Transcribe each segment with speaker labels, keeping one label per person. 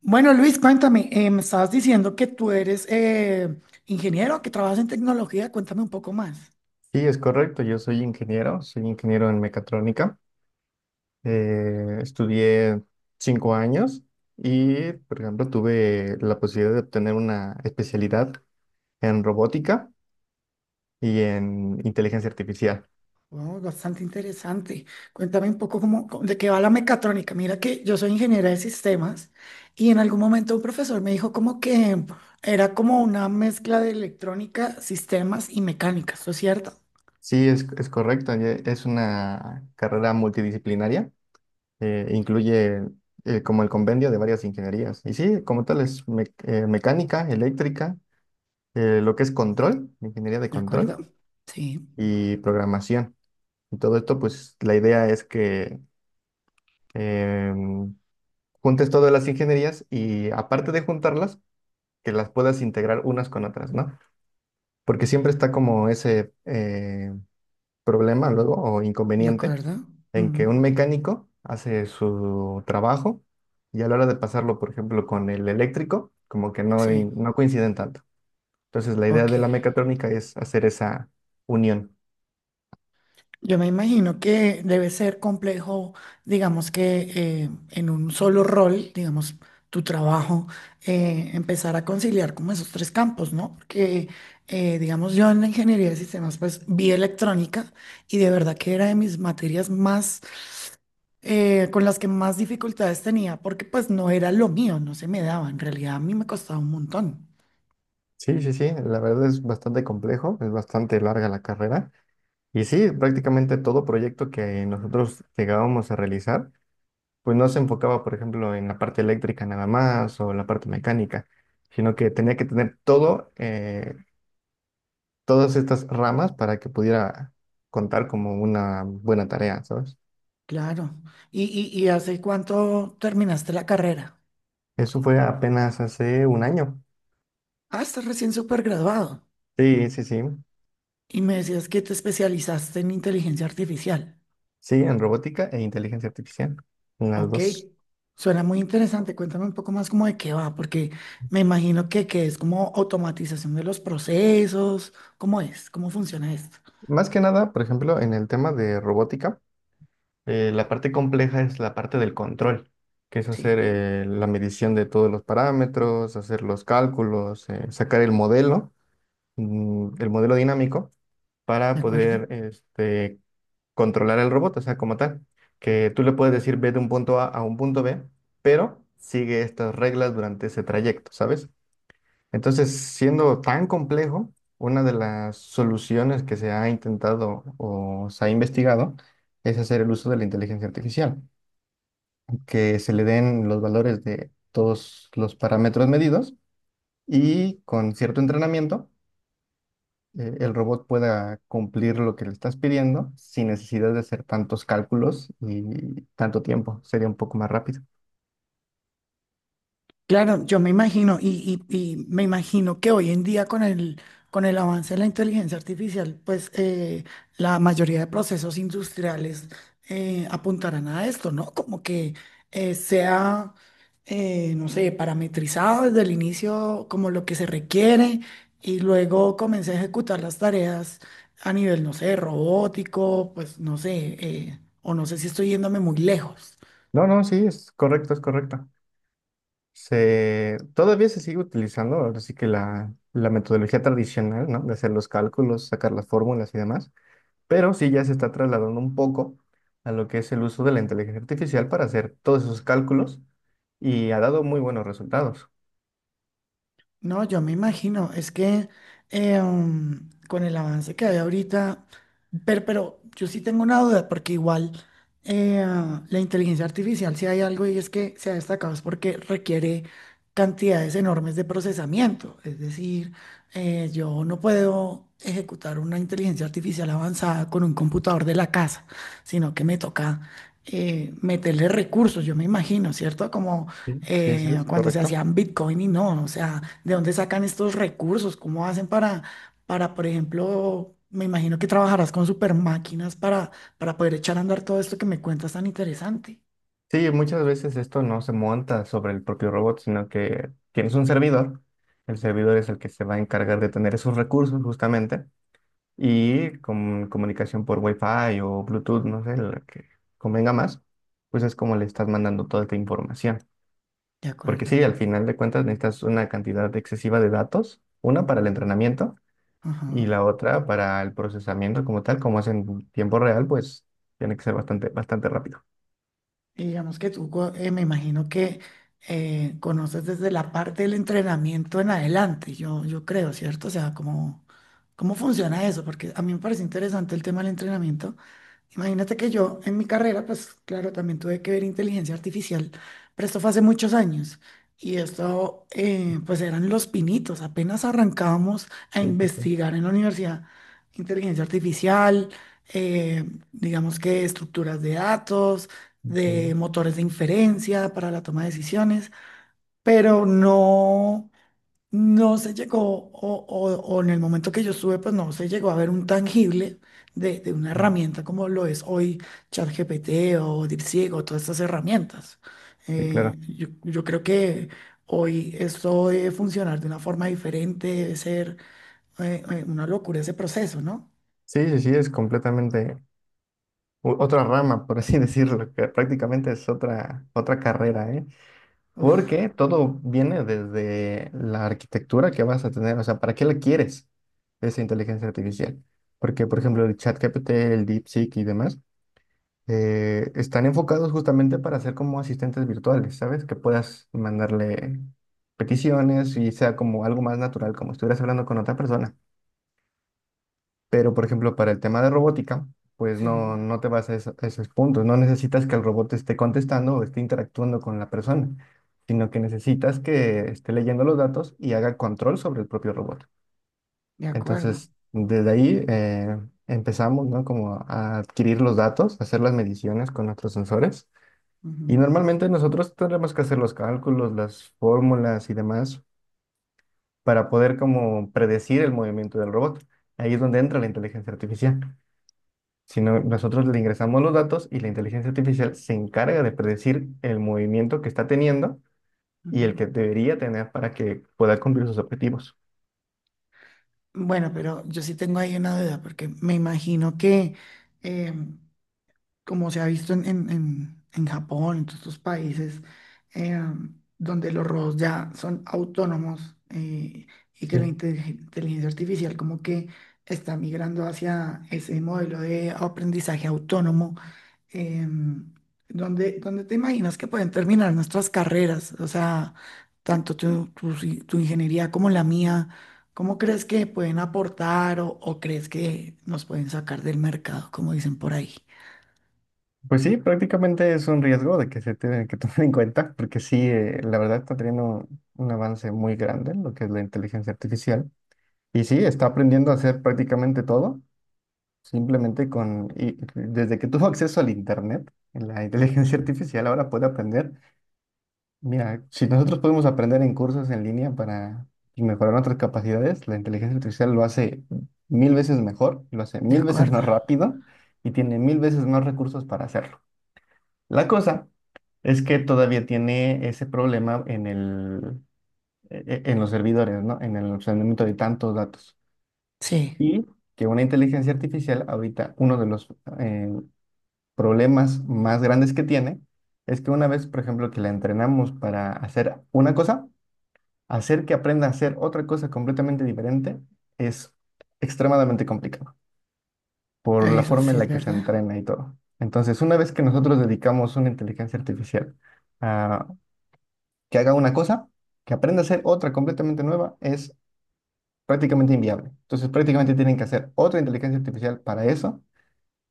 Speaker 1: Bueno, Luis, cuéntame, me estabas diciendo que tú eres ingeniero, que trabajas en tecnología, cuéntame un poco más.
Speaker 2: Sí, es correcto. Yo soy ingeniero en mecatrónica. Estudié 5 años y, por ejemplo, tuve la posibilidad de obtener una especialidad en robótica y en inteligencia artificial.
Speaker 1: Wow, bastante interesante. Cuéntame un poco de qué va la mecatrónica. Mira que yo soy ingeniera de sistemas y en algún momento un profesor me dijo como que era como una mezcla de electrónica, sistemas y mecánica, ¿esto es cierto?
Speaker 2: Sí, es correcto. Es una carrera multidisciplinaria. Incluye, como el convenio de varias ingenierías. Y sí, como tal es mecánica, eléctrica, lo que es control, ingeniería de
Speaker 1: ¿De acuerdo?
Speaker 2: control
Speaker 1: Sí,
Speaker 2: y programación. Y todo esto, pues la idea es que em, juntes todas las ingenierías y, aparte de juntarlas, que las puedas integrar unas con otras, ¿no? Porque siempre está como ese problema luego o
Speaker 1: de
Speaker 2: inconveniente
Speaker 1: acuerdo.
Speaker 2: en que
Speaker 1: Ujú.
Speaker 2: un mecánico hace su trabajo y a la hora de pasarlo, por ejemplo, con el eléctrico, como que no,
Speaker 1: Sí,
Speaker 2: no coinciden tanto. Entonces, la idea
Speaker 1: ok.
Speaker 2: de la mecatrónica es hacer esa unión.
Speaker 1: Yo me imagino que debe ser complejo, digamos que en un solo rol, digamos, tu trabajo, empezar a conciliar como esos tres campos, ¿no? Porque, digamos, yo en la ingeniería de sistemas, pues vi electrónica y de verdad que era de mis materias más, con las que más dificultades tenía, porque pues no era lo mío, no se me daba, en realidad a mí me costaba un montón,
Speaker 2: Sí, sí, sí, la verdad es bastante complejo, es bastante larga la carrera. Y sí, prácticamente todo proyecto que nosotros llegábamos a realizar pues no se enfocaba, por ejemplo, en la parte eléctrica nada más o la parte mecánica, sino que tenía que tener todo, todas estas ramas para que pudiera contar como una buena tarea, ¿sabes?
Speaker 1: claro. ¿¿Y hace cuánto terminaste la carrera?
Speaker 2: Eso fue apenas hace un año.
Speaker 1: Ah, estás recién súper graduado.
Speaker 2: Sí, sí, sí.
Speaker 1: Y me decías que te especializaste en inteligencia artificial.
Speaker 2: Sí, en robótica e inteligencia artificial, en las
Speaker 1: Ok,
Speaker 2: dos.
Speaker 1: suena muy interesante. Cuéntame un poco más como de qué va, porque me imagino que es como automatización de los procesos. ¿Cómo es? ¿Cómo funciona esto?
Speaker 2: Más que nada, por ejemplo, en el tema de robótica. La parte compleja es la parte del control, que es hacer,
Speaker 1: Sí,
Speaker 2: la medición de todos los parámetros, hacer los cálculos, sacar el modelo, el modelo dinámico, para
Speaker 1: de acuerdo.
Speaker 2: poder controlar el robot, o sea, como tal, que tú le puedes decir: ve de un punto A a un punto B, pero sigue estas reglas durante ese trayecto, ¿sabes? Entonces, siendo tan complejo, una de las soluciones que se ha intentado o se ha investigado es hacer el uso de la inteligencia artificial, que se le den los valores de todos los parámetros medidos y con cierto entrenamiento, el robot pueda cumplir lo que le estás pidiendo sin necesidad de hacer tantos cálculos y tanto tiempo. Sería un poco más rápido.
Speaker 1: Claro, yo me imagino, y me imagino que hoy en día con el avance de la inteligencia artificial, pues la mayoría de procesos industriales apuntarán a esto, ¿no? Como que sea, no sé, parametrizado desde el inicio como lo que se requiere y luego comience a ejecutar las tareas a nivel, no sé, robótico, pues no sé, o no sé si estoy yéndome muy lejos.
Speaker 2: No, no, sí, es correcto, es correcto. Todavía se sigue utilizando, ahora sí que la metodología tradicional, ¿no? De hacer los cálculos, sacar las fórmulas y demás, pero sí ya se está trasladando un poco a lo que es el uso de la inteligencia artificial para hacer todos esos cálculos, y ha dado muy buenos resultados.
Speaker 1: No, yo me imagino, es que con el avance que hay ahorita, pero yo sí tengo una duda, porque igual la inteligencia artificial, si hay algo y es que se ha destacado, es porque requiere cantidades enormes de procesamiento. Es decir, yo no puedo ejecutar una inteligencia artificial avanzada con un computador de la casa, sino que me toca meterle recursos, yo me imagino, ¿cierto? Como
Speaker 2: Sí, sí, sí, es
Speaker 1: cuando se
Speaker 2: correcto.
Speaker 1: hacían Bitcoin y no, o sea, ¿de dónde sacan estos recursos? ¿Cómo hacen por ejemplo, me imagino que trabajarás con super máquinas para poder echar a andar todo esto que me cuentas tan interesante?
Speaker 2: Sí, muchas veces esto no se monta sobre el propio robot, sino que tienes un servidor. El servidor es el que se va a encargar de tener esos recursos justamente, y con comunicación por Wi-Fi o Bluetooth, no sé, la que convenga más, pues es como le estás mandando toda esta información.
Speaker 1: De
Speaker 2: Porque sí,
Speaker 1: acuerdo.
Speaker 2: al final de cuentas necesitas una cantidad excesiva de datos, una para el entrenamiento y
Speaker 1: Ajá.
Speaker 2: la otra para el procesamiento como tal. Como es en tiempo real, pues tiene que ser bastante, bastante rápido.
Speaker 1: Y digamos que tú, me imagino que conoces desde la parte del entrenamiento en adelante, yo creo, ¿cierto? O sea, ¿cómo funciona eso? Porque a mí me parece interesante el tema del entrenamiento. Imagínate que yo en mi carrera, pues claro, también tuve que ver inteligencia artificial, pero esto fue hace muchos años. Y esto, pues eran los pinitos, apenas arrancábamos a
Speaker 2: Sí,
Speaker 1: investigar en la universidad inteligencia artificial, eh, digamos que estructuras de datos, de motores de inferencia para la toma de decisiones, pero no. No se llegó, o en el momento que yo estuve, pues no se llegó a ver un tangible de una herramienta como lo es hoy ChatGPT o DeepSeek o todas estas herramientas.
Speaker 2: sí, claro.
Speaker 1: Yo creo que hoy esto debe funcionar de una forma diferente, debe ser una locura ese proceso, ¿no?
Speaker 2: Sí, sí, sí, es completamente otra rama, por así decirlo, que prácticamente es otra carrera, ¿eh?
Speaker 1: Uf,
Speaker 2: Porque todo viene desde la arquitectura que vas a tener, o sea, ¿para qué la quieres esa inteligencia artificial? Porque, por ejemplo, el ChatGPT, el DeepSeek y demás, están enfocados justamente para ser como asistentes virtuales, ¿sabes? Que puedas mandarle peticiones y sea como algo más natural, como estuvieras hablando con otra persona. Pero, por ejemplo, para el tema de robótica, pues
Speaker 1: sí,
Speaker 2: no, no te vas a, eso- a esos puntos. No necesitas que el robot esté contestando o esté interactuando con la persona, sino que necesitas que esté leyendo los datos y haga control sobre el propio robot.
Speaker 1: de acuerdo.
Speaker 2: Entonces, desde ahí, empezamos, ¿no? Como a adquirir los datos, hacer las mediciones con nuestros sensores, y
Speaker 1: Ujú,
Speaker 2: normalmente nosotros tenemos que hacer los cálculos, las fórmulas y demás, para poder como predecir el movimiento del robot. Ahí es donde entra la inteligencia artificial. Si no, nosotros le ingresamos los datos y la inteligencia artificial se encarga de predecir el movimiento que está teniendo y el
Speaker 1: ujú.
Speaker 2: que debería tener para que pueda cumplir sus objetivos.
Speaker 1: Bueno, pero yo sí tengo ahí una duda, porque me imagino que em, como se ha visto en Japón, en todos estos países, eh, donde los robots ya son autónomos y que la
Speaker 2: Sí.
Speaker 1: inteligencia artificial como que está migrando hacia ese modelo de aprendizaje autónomo, eh, donde te imaginas que pueden terminar nuestras carreras, o sea, tanto tu, tu si- tu ingeniería como la mía. ¿Cómo crees que pueden aportar o crees que nos pueden sacar del mercado, como dicen por ahí?
Speaker 2: Pues sí, prácticamente es un riesgo de que se tiene que tomar en cuenta, porque sí, la verdad está teniendo un avance muy grande en lo que es la inteligencia artificial. Y sí, está aprendiendo a hacer prácticamente todo, simplemente desde que tuvo acceso al Internet, en la inteligencia artificial ahora puede aprender. Mira, si nosotros podemos aprender en cursos en línea para mejorar nuestras capacidades, la inteligencia artificial lo hace 1.000 veces mejor, lo hace
Speaker 1: De
Speaker 2: mil veces
Speaker 1: acuerdo.
Speaker 2: más rápido y tiene 1.000 veces más recursos para hacerlo. La cosa es que todavía tiene ese problema en en los servidores, ¿no? En el almacenamiento de tantos datos.
Speaker 1: Sí,
Speaker 2: Y que una inteligencia artificial, ahorita, uno de los eh, problemas más grandes que tiene es que una vez, por ejemplo, que la entrenamos para hacer una cosa, hacer que aprenda a hacer otra cosa completamente diferente es extremadamente complicado por la
Speaker 1: eso
Speaker 2: forma
Speaker 1: sí
Speaker 2: en
Speaker 1: es
Speaker 2: la que se
Speaker 1: verdad.
Speaker 2: entrena y todo. Entonces, una vez que nosotros dedicamos una inteligencia artificial a que haga una cosa, que aprenda a hacer otra completamente nueva, es prácticamente inviable. Entonces, prácticamente tienen que hacer otra inteligencia artificial para eso.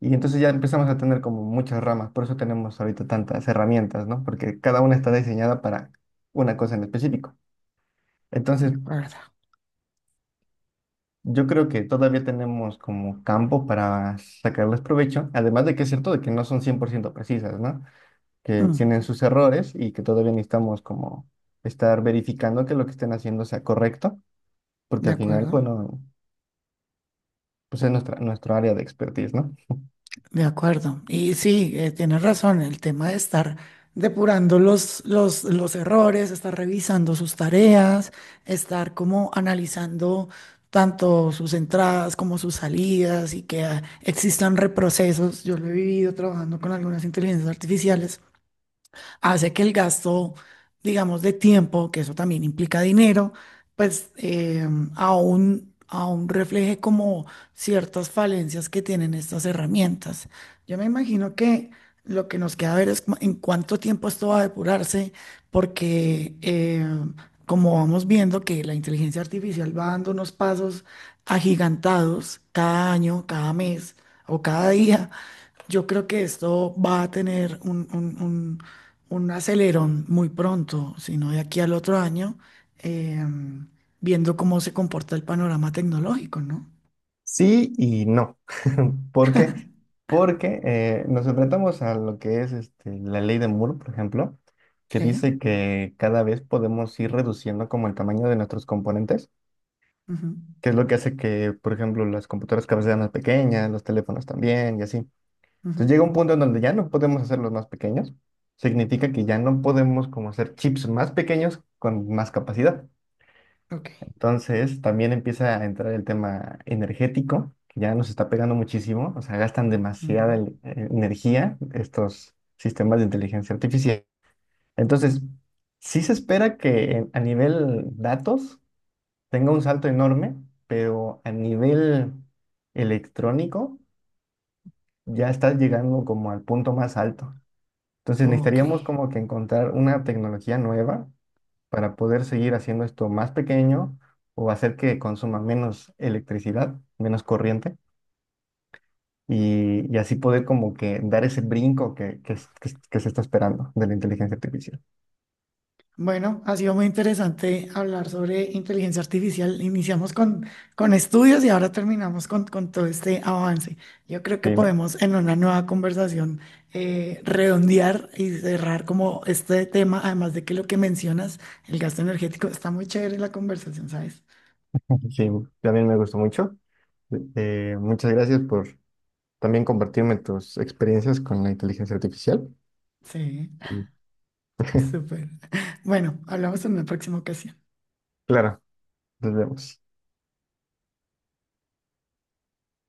Speaker 2: Y entonces ya empezamos a tener como muchas ramas, por eso tenemos ahorita tantas herramientas, ¿no? Porque cada una está diseñada para una cosa en específico. Entonces,
Speaker 1: De acuerdo.
Speaker 2: yo creo que todavía tenemos como campo para sacarles provecho, además de que es cierto de que no son 100% precisas, ¿no? Que
Speaker 1: Mm,
Speaker 2: tienen sus errores y que todavía necesitamos como estar verificando que lo que estén haciendo sea correcto, porque
Speaker 1: de
Speaker 2: al final,
Speaker 1: acuerdo.
Speaker 2: bueno, pues es nuestro área de expertise, ¿no?
Speaker 1: De acuerdo. Y sí, tienes razón, el tema de estar depurando los errores, estar revisando sus tareas, estar como analizando tanto sus entradas como sus salidas y que ah, existan reprocesos. Yo lo he vivido trabajando con algunas inteligencias artificiales hace que el gasto, digamos, de tiempo, que eso también implica dinero, pues eh, aún refleje como ciertas falencias que tienen estas herramientas. Yo me imagino que lo que nos queda ver es en cuánto tiempo esto va a depurarse, porque como vamos viendo que la inteligencia artificial va dando unos pasos agigantados cada año, cada mes o cada día. Yo creo que esto va a tener un acelerón muy pronto, si no de aquí al otro año, em, viendo cómo se comporta el panorama tecnológico, ¿no?
Speaker 2: Sí y no. ¿Por qué? Porque, nos enfrentamos a lo que es este, la ley de Moore, por ejemplo, que
Speaker 1: Sí.
Speaker 2: dice que cada vez podemos ir reduciendo como el tamaño de nuestros componentes,
Speaker 1: Ujú,
Speaker 2: que es lo que hace que, por ejemplo, las computadoras cada vez sean más pequeñas, los teléfonos también y así.
Speaker 1: ujú.
Speaker 2: Entonces llega un punto en donde ya no podemos hacerlos más pequeños. Significa que ya no podemos como hacer chips más pequeños con más capacidad.
Speaker 1: Ok.
Speaker 2: Entonces, también empieza a entrar el tema energético, que ya nos está pegando muchísimo, o sea, gastan demasiada
Speaker 1: Ujú.
Speaker 2: energía estos sistemas de inteligencia artificial. Entonces, sí se espera que a nivel datos tenga un salto enorme, pero a nivel electrónico ya está llegando como al punto más alto. Entonces,
Speaker 1: Ok.
Speaker 2: necesitaríamos como que encontrar una tecnología nueva para poder seguir haciendo esto más pequeño o hacer que consuma menos electricidad, menos corriente, y así poder como que dar ese brinco que se está esperando de la inteligencia artificial.
Speaker 1: Bueno, ha sido muy interesante hablar sobre inteligencia artificial. Iniciamos con estudios y ahora terminamos con todo este avance. Yo creo que
Speaker 2: Sí, me-
Speaker 1: podemos en una nueva conversación redondear y cerrar como este tema, además de que lo que mencionas, el gasto energético, está muy chévere la conversación, ¿sabes?
Speaker 2: sí, también me gustó mucho. Muchas gracias por también compartirme tus experiencias con la inteligencia artificial.
Speaker 1: Sí,
Speaker 2: Mm.
Speaker 1: súper. Bueno, hablamos en una próxima ocasión.
Speaker 2: Claro, nos vemos.